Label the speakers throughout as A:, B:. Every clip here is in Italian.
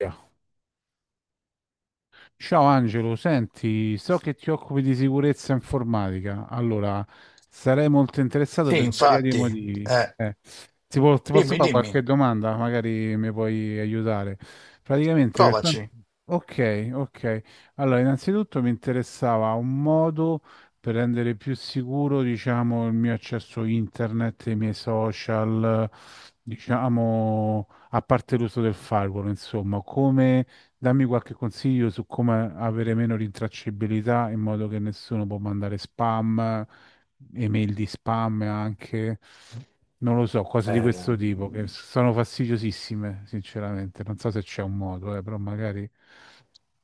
A: Yeah. Ciao Angelo, senti, so che ti occupi di sicurezza informatica, allora sarei molto interessato
B: Sì,
A: per svariati
B: infatti,
A: motivi.
B: eh,
A: Eh, ti posso
B: dimmi,
A: fare qualche
B: dimmi,
A: domanda? Magari mi puoi aiutare. Praticamente,
B: provaci.
A: ok, ok. Allora, innanzitutto mi interessava un modo per rendere più sicuro, diciamo, il mio accesso internet, i miei social, diciamo, a parte l'uso del firewall, insomma, come. Dammi qualche consiglio su come avere meno rintracciabilità in modo che nessuno può mandare spam, email di spam anche, non lo so, cose di
B: Ehm,
A: questo tipo che sono fastidiosissime, sinceramente. Non so se c'è un modo, però magari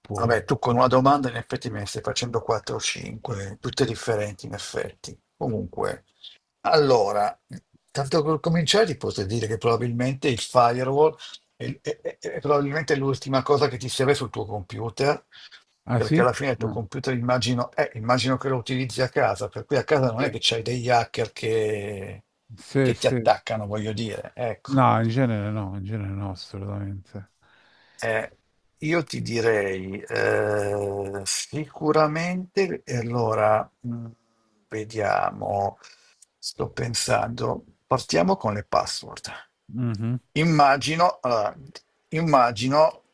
A: puoi.
B: vabbè, tu con una domanda in effetti me ne stai facendo 4 o 5, tutte differenti in effetti. Comunque, allora, tanto per cominciare ti posso dire che probabilmente il firewall è probabilmente l'ultima cosa che ti serve sul tuo computer,
A: Ah
B: perché
A: sì?
B: alla fine il tuo
A: Ah.
B: computer immagino che lo utilizzi a casa, per cui a casa non è
A: Sì.
B: che c'hai degli hacker che
A: Sì,
B: che ti
A: sì.
B: attaccano, voglio dire, ecco.
A: No, in genere no, in genere no, assolutamente.
B: Eh, io ti direi sicuramente, e allora vediamo, sto pensando, partiamo con le password.
A: Mhm.
B: Allora, immagino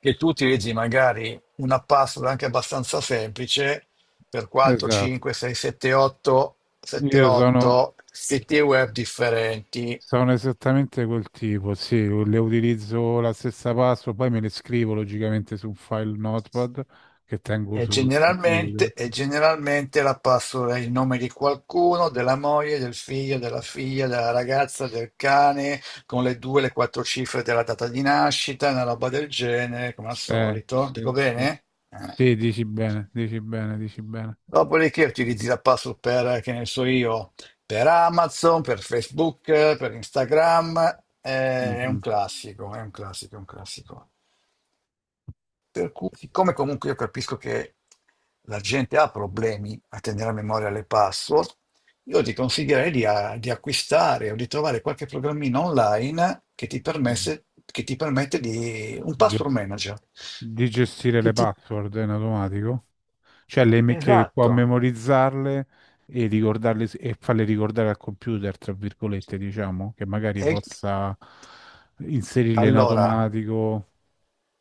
B: che tu utilizzi magari una password anche abbastanza semplice per 4,
A: Esatto.
B: 5, 6, 7, 8, 7,
A: Io sono
B: 8 siti web differenti.
A: Sono esattamente quel tipo, sì, le utilizzo la stessa password, poi me le scrivo logicamente su un file Notepad che tengo sul computer.
B: E generalmente la password è il nome di qualcuno, della moglie, del figlio, della figlia, della ragazza, del cane, con le due, le quattro cifre della data di nascita, una roba del genere, come al
A: Sì,
B: solito.
A: sì,
B: Dico
A: sì. Sì,
B: bene?
A: sì, dici bene, dici bene, dici bene.
B: Dopodiché utilizzi la password per, che ne so io, per Amazon, per Facebook, per Instagram. È un
A: Mhm,
B: classico, è un classico, è un classico. Per cui, siccome comunque io capisco che la gente ha problemi a tenere a memoria le password, io ti consiglierei di acquistare o di trovare qualche programmino online
A: mhm.
B: che ti permette di un
A: Ge-
B: password manager.
A: Di gestire
B: Che
A: le
B: ti,
A: password in automatico, cioè che può
B: esatto.
A: memorizzarle e ricordarle e farle ricordare al computer, tra virgolette, diciamo, che magari
B: E,
A: possa inserirle in
B: allora,
A: automatico.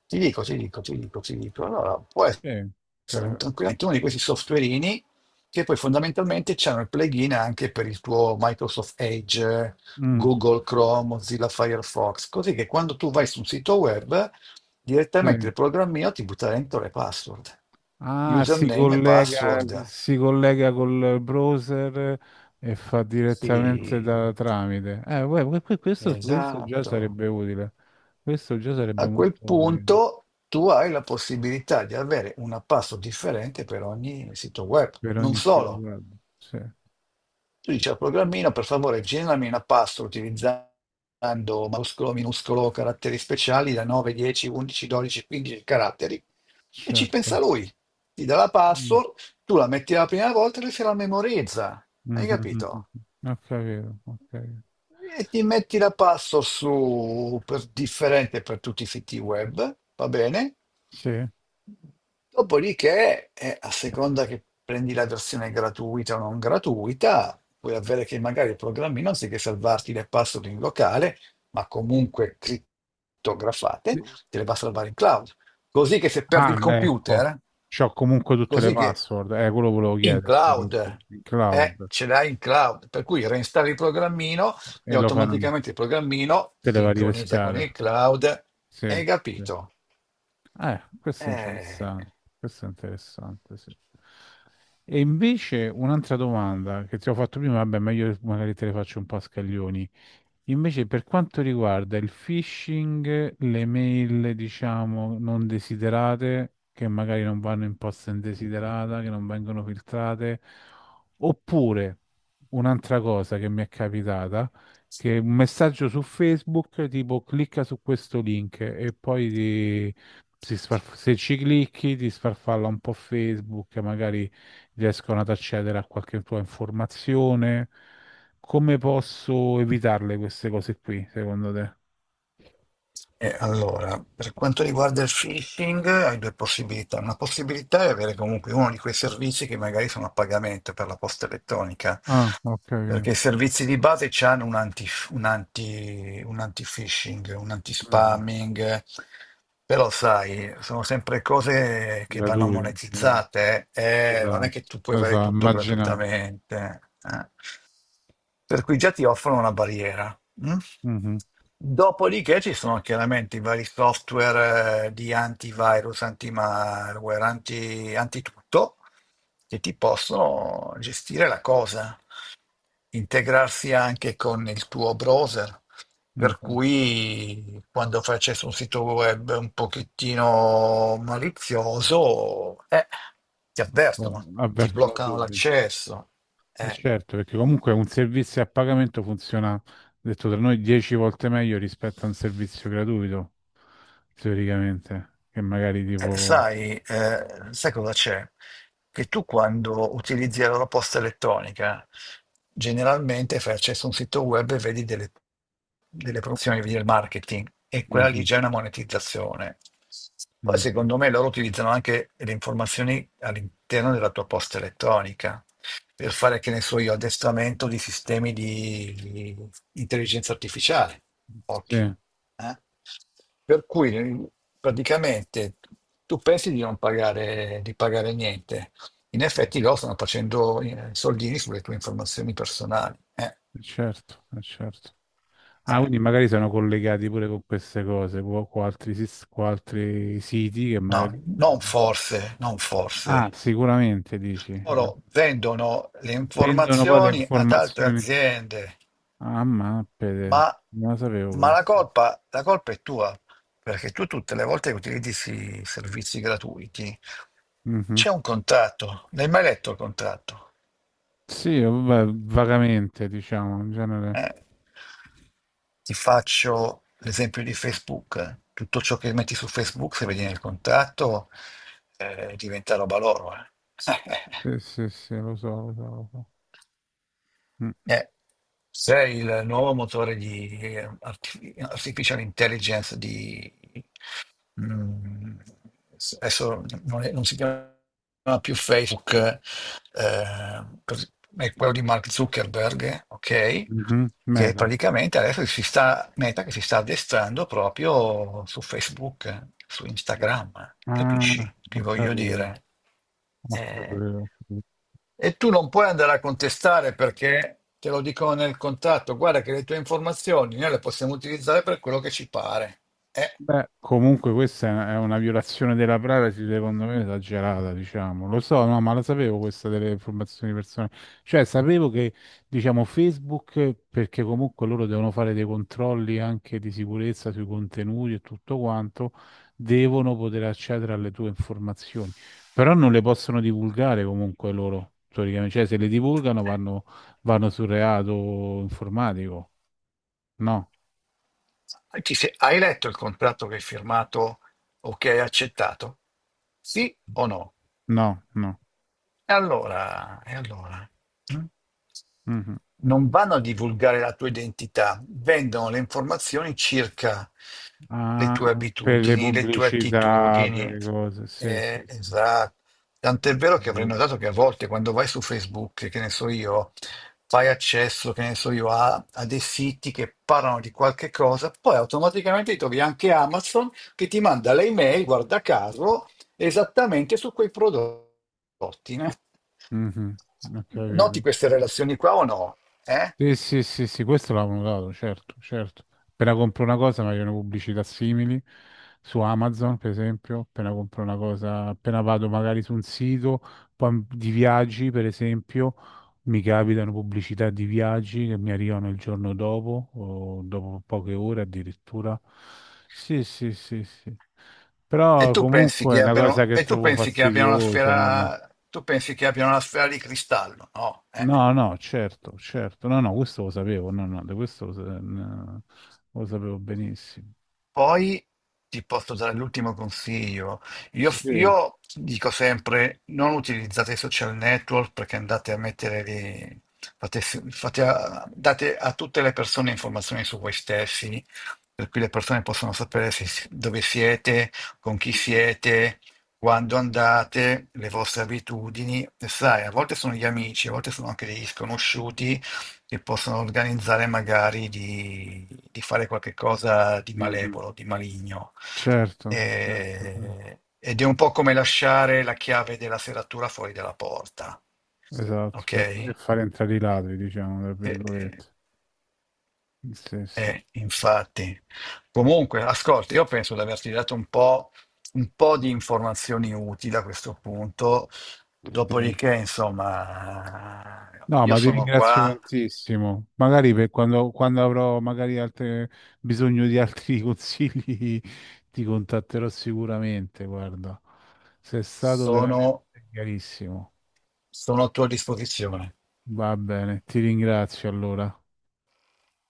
B: ti dico, ti dico, ti dico, ti dico. Allora, può
A: Sì.
B: essere
A: Cioè,
B: tranquillamente uno di questi softwareini che poi fondamentalmente c'hanno il plugin anche per il tuo Microsoft Edge,
A: mm,
B: Google Chrome, Mozilla Firefox, così che quando tu vai su un sito web, direttamente
A: sì.
B: il programmino ti butta dentro le password,
A: Ah,
B: username e password.
A: si collega col browser e fa
B: Sì,
A: direttamente da tramite. Uè, questo, questo già
B: esatto.
A: sarebbe utile. Questo già sarebbe
B: A
A: molto
B: quel
A: utile
B: punto tu hai la possibilità di avere una password differente per ogni sito web.
A: per
B: Non
A: ogni
B: solo,
A: situazione. Sì,
B: tu dici al programmino, per favore, generami una password utilizzando maiuscolo, minuscolo, caratteri speciali da 9, 10, 11, 12, 15 caratteri. E ci pensa
A: certo.
B: lui. Ti dà la
A: Mm.
B: password, tu la metti la prima volta e lui se la memorizza. Hai
A: Mhm.
B: capito?
A: Ho capito, ho capito.
B: E ti metti la password differente per tutti i siti web, va bene?
A: Sì.
B: Dopodiché, a seconda che prendi la versione gratuita o non gratuita, puoi avere che magari il programmino, anziché salvarti le password in locale, ma comunque crittografate,
A: Sì.
B: te le va a salvare in cloud. Così che se perdi
A: Ah,
B: il
A: ecco.
B: computer,
A: C'ho comunque tutte le
B: così che
A: password. Quello volevo
B: in
A: chiederti.
B: cloud,
A: Questo. Il cloud.
B: ce l'hai in cloud, per cui reinstalli il programmino
A: E
B: e
A: lo fai.
B: automaticamente il programmino
A: Te le va a
B: sincronizza con
A: ripescare.
B: il cloud.
A: Sì,
B: Hai
A: sì.
B: capito?
A: Questo è
B: Eh.
A: interessante. Questo è interessante, sì. E invece un'altra domanda che ti ho fatto prima, vabbè, meglio magari te le faccio un po' a scaglioni. Invece, per quanto riguarda il phishing, le mail, diciamo, non desiderate, che magari non vanno in posta indesiderata, che non vengono filtrate, oppure un'altra cosa che mi è capitata, che è un messaggio su Facebook tipo clicca su questo link e poi se ci clicchi ti sfarfalla un po' Facebook, magari riescono ad accedere a qualche tua informazione, come posso evitarle queste cose qui, secondo te?
B: E allora, per quanto riguarda il phishing, hai due possibilità. Una possibilità è avere comunque uno di quei servizi che magari sono a pagamento per la posta elettronica,
A: Ah, ok.
B: perché i servizi di base hanno un anti-phishing, un
A: Mhm.
B: anti-spamming, però sai, sono sempre cose che vanno
A: Gratuite,
B: monetizzate, non è
A: esatto.
B: che tu puoi avere
A: Esatto,
B: tutto
A: immaginavo.
B: gratuitamente. eh. Per cui già ti offrono una barriera. Mm?
A: Mhm,
B: Dopodiché ci sono chiaramente i vari software di antivirus, antimalware, antitutto, che ti possono gestire la cosa, integrarsi anche con il tuo browser, per
A: mhm.
B: cui quando fai accesso a un sito web un pochettino malizioso, ti
A: Poi
B: avvertono, ti
A: avvertono
B: bloccano
A: subito.
B: l'accesso.
A: E
B: eh.
A: certo, perché comunque un servizio a pagamento funziona, detto tra noi, 10 volte meglio rispetto a un servizio gratuito, teoricamente, che magari
B: Eh,
A: tipo...
B: sai, eh, sai cosa c'è? Che tu quando utilizzi la loro posta elettronica, generalmente fai accesso a un sito web e vedi delle promozioni, vedi il marketing, e quella lì
A: Mhm,
B: già è una monetizzazione. Poi
A: mhm.
B: secondo me loro utilizzano anche le informazioni all'interno della tua posta elettronica per fare, che ne so io, addestramento di sistemi di intelligenza artificiale.
A: Sì,
B: Occhio. eh. Per cui praticamente tu pensi di non pagare, di pagare niente. In effetti
A: mhm.
B: loro stanno facendo soldini sulle tue informazioni personali.
A: Certo, certo. Ah,
B: Eh.
A: quindi magari sono collegati pure con queste cose, con altri, con altri siti che
B: No,
A: magari...
B: non forse, non forse.
A: Ah, sicuramente dici. Eh.
B: Loro vendono le
A: Vendono poi le
B: informazioni ad altre
A: informazioni.
B: aziende,
A: Ah, ma
B: ma,
A: pede, non lo sapevo
B: ma
A: questo.
B: la colpa è tua, perché tu tutte le volte che utilizzi servizi gratuiti
A: Mhm.
B: c'è un contratto. L'hai mai letto il contratto?
A: Sì, vabbè, vagamente, diciamo, in genere.
B: Eh? Ti faccio l'esempio di Facebook. Tutto ciò che metti su Facebook, se vedi nel contratto, diventa roba loro.
A: Sì, sì, sì, lo so, lo so, lo so. Mm,
B: Eh, Sei il nuovo motore di artificial intelligence di... mm, adesso non si chiama più Facebook, eh, cos- è quello di Mark Zuckerberg, ok?
A: mhm,
B: Che
A: Meta.
B: praticamente adesso si sta, Meta che si sta addestrando proprio su Facebook, su Instagram, capisci
A: Ah,
B: che
A: ho
B: voglio
A: capito,
B: dire? Eh,
A: ho capito.
B: e tu non puoi andare a contestare perché te lo dicono nel contratto, guarda che le tue informazioni noi le possiamo utilizzare per quello che ci pare. Eh,
A: Beh, comunque questa è una violazione della privacy, secondo me, esagerata, diciamo. Lo so, no, ma la sapevo questa delle informazioni personali. Cioè, sapevo che, diciamo, Facebook, perché comunque loro devono fare dei controlli anche di sicurezza sui contenuti e tutto quanto, devono poter accedere alle tue informazioni. Però non le possono divulgare comunque loro, teoricamente. Cioè, se le divulgano vanno, vanno sul reato informatico. No,
B: hai letto il contratto che hai firmato o che hai accettato? Sì o no?
A: no, no.
B: E allora, e allora? Mm?
A: Mhm.
B: Non vanno a divulgare la tua identità, vendono le informazioni circa le tue
A: Ah, per le
B: abitudini, le tue
A: pubblicità, per
B: attitudini.
A: le cose, sì, sì, sì.
B: Esatto.
A: Ho
B: Tant'è vero che avrei
A: capito.
B: notato che a volte quando vai su Facebook, che ne so io, fai accesso, che ne so io, a dei siti che parlano di qualche cosa, poi automaticamente trovi anche Amazon che ti manda le email, guarda caso, esattamente su quei prodotti. Né?
A: Mhm, ho
B: Noti
A: capito.
B: queste relazioni qua o no? Eh?
A: Sì, sì, sì, sì, questo l'avevo notato, certo, certo. Appena compro una cosa mi arrivano pubblicità simili su Amazon, per esempio, appena compro una cosa, appena vado magari su un sito poi di viaggi, per esempio, mi capitano pubblicità di viaggi che mi arrivano il giorno dopo o dopo poche ore addirittura. Sì, sì, sì, sì.
B: E
A: Però
B: tu pensi
A: comunque è
B: che
A: una cosa
B: abbiano,
A: che
B: e tu
A: trovo
B: pensi che abbiano una
A: fastidiosa.
B: sfera, tu pensi che abbiano una sfera di cristallo? No, eh?
A: No, no, certo, certo, no, no, questo lo sapevo, no, no, di questo no, lo sapevo benissimo.
B: Poi ti posso dare l'ultimo consiglio. Io,
A: Sì,
B: io dico sempre: non utilizzate i social network perché andate a mettere lì, date a tutte le persone informazioni su voi stessi, per cui le persone possono sapere dove siete, con chi
A: mhm,
B: siete, quando andate, le vostre abitudini. E sai, a volte sono gli amici, a volte sono anche degli sconosciuti che possono organizzare magari di fare qualche cosa di
A: mhm.
B: malevolo, di maligno.
A: Certo, certo, sì.
B: Ed è un po' come lasciare la chiave della serratura fuori dalla porta.
A: Esatto,
B: Ok?
A: e far entrare i ladri, diciamo, tra
B: Eh,
A: virgolette. Sì, sì, sì.
B: infatti. Comunque, ascolta, io penso di averti dato un po' di informazioni utili a questo punto.
A: Sì.
B: Dopodiché, insomma,
A: No,
B: io
A: ma ti
B: sono
A: ringrazio
B: qua,
A: tantissimo. Magari per quando avrò magari bisogno di altri consigli, ti contatterò sicuramente, guarda. Sei stato veramente
B: sono
A: chiarissimo.
B: sono a tua disposizione.
A: Va bene, ti ringrazio allora.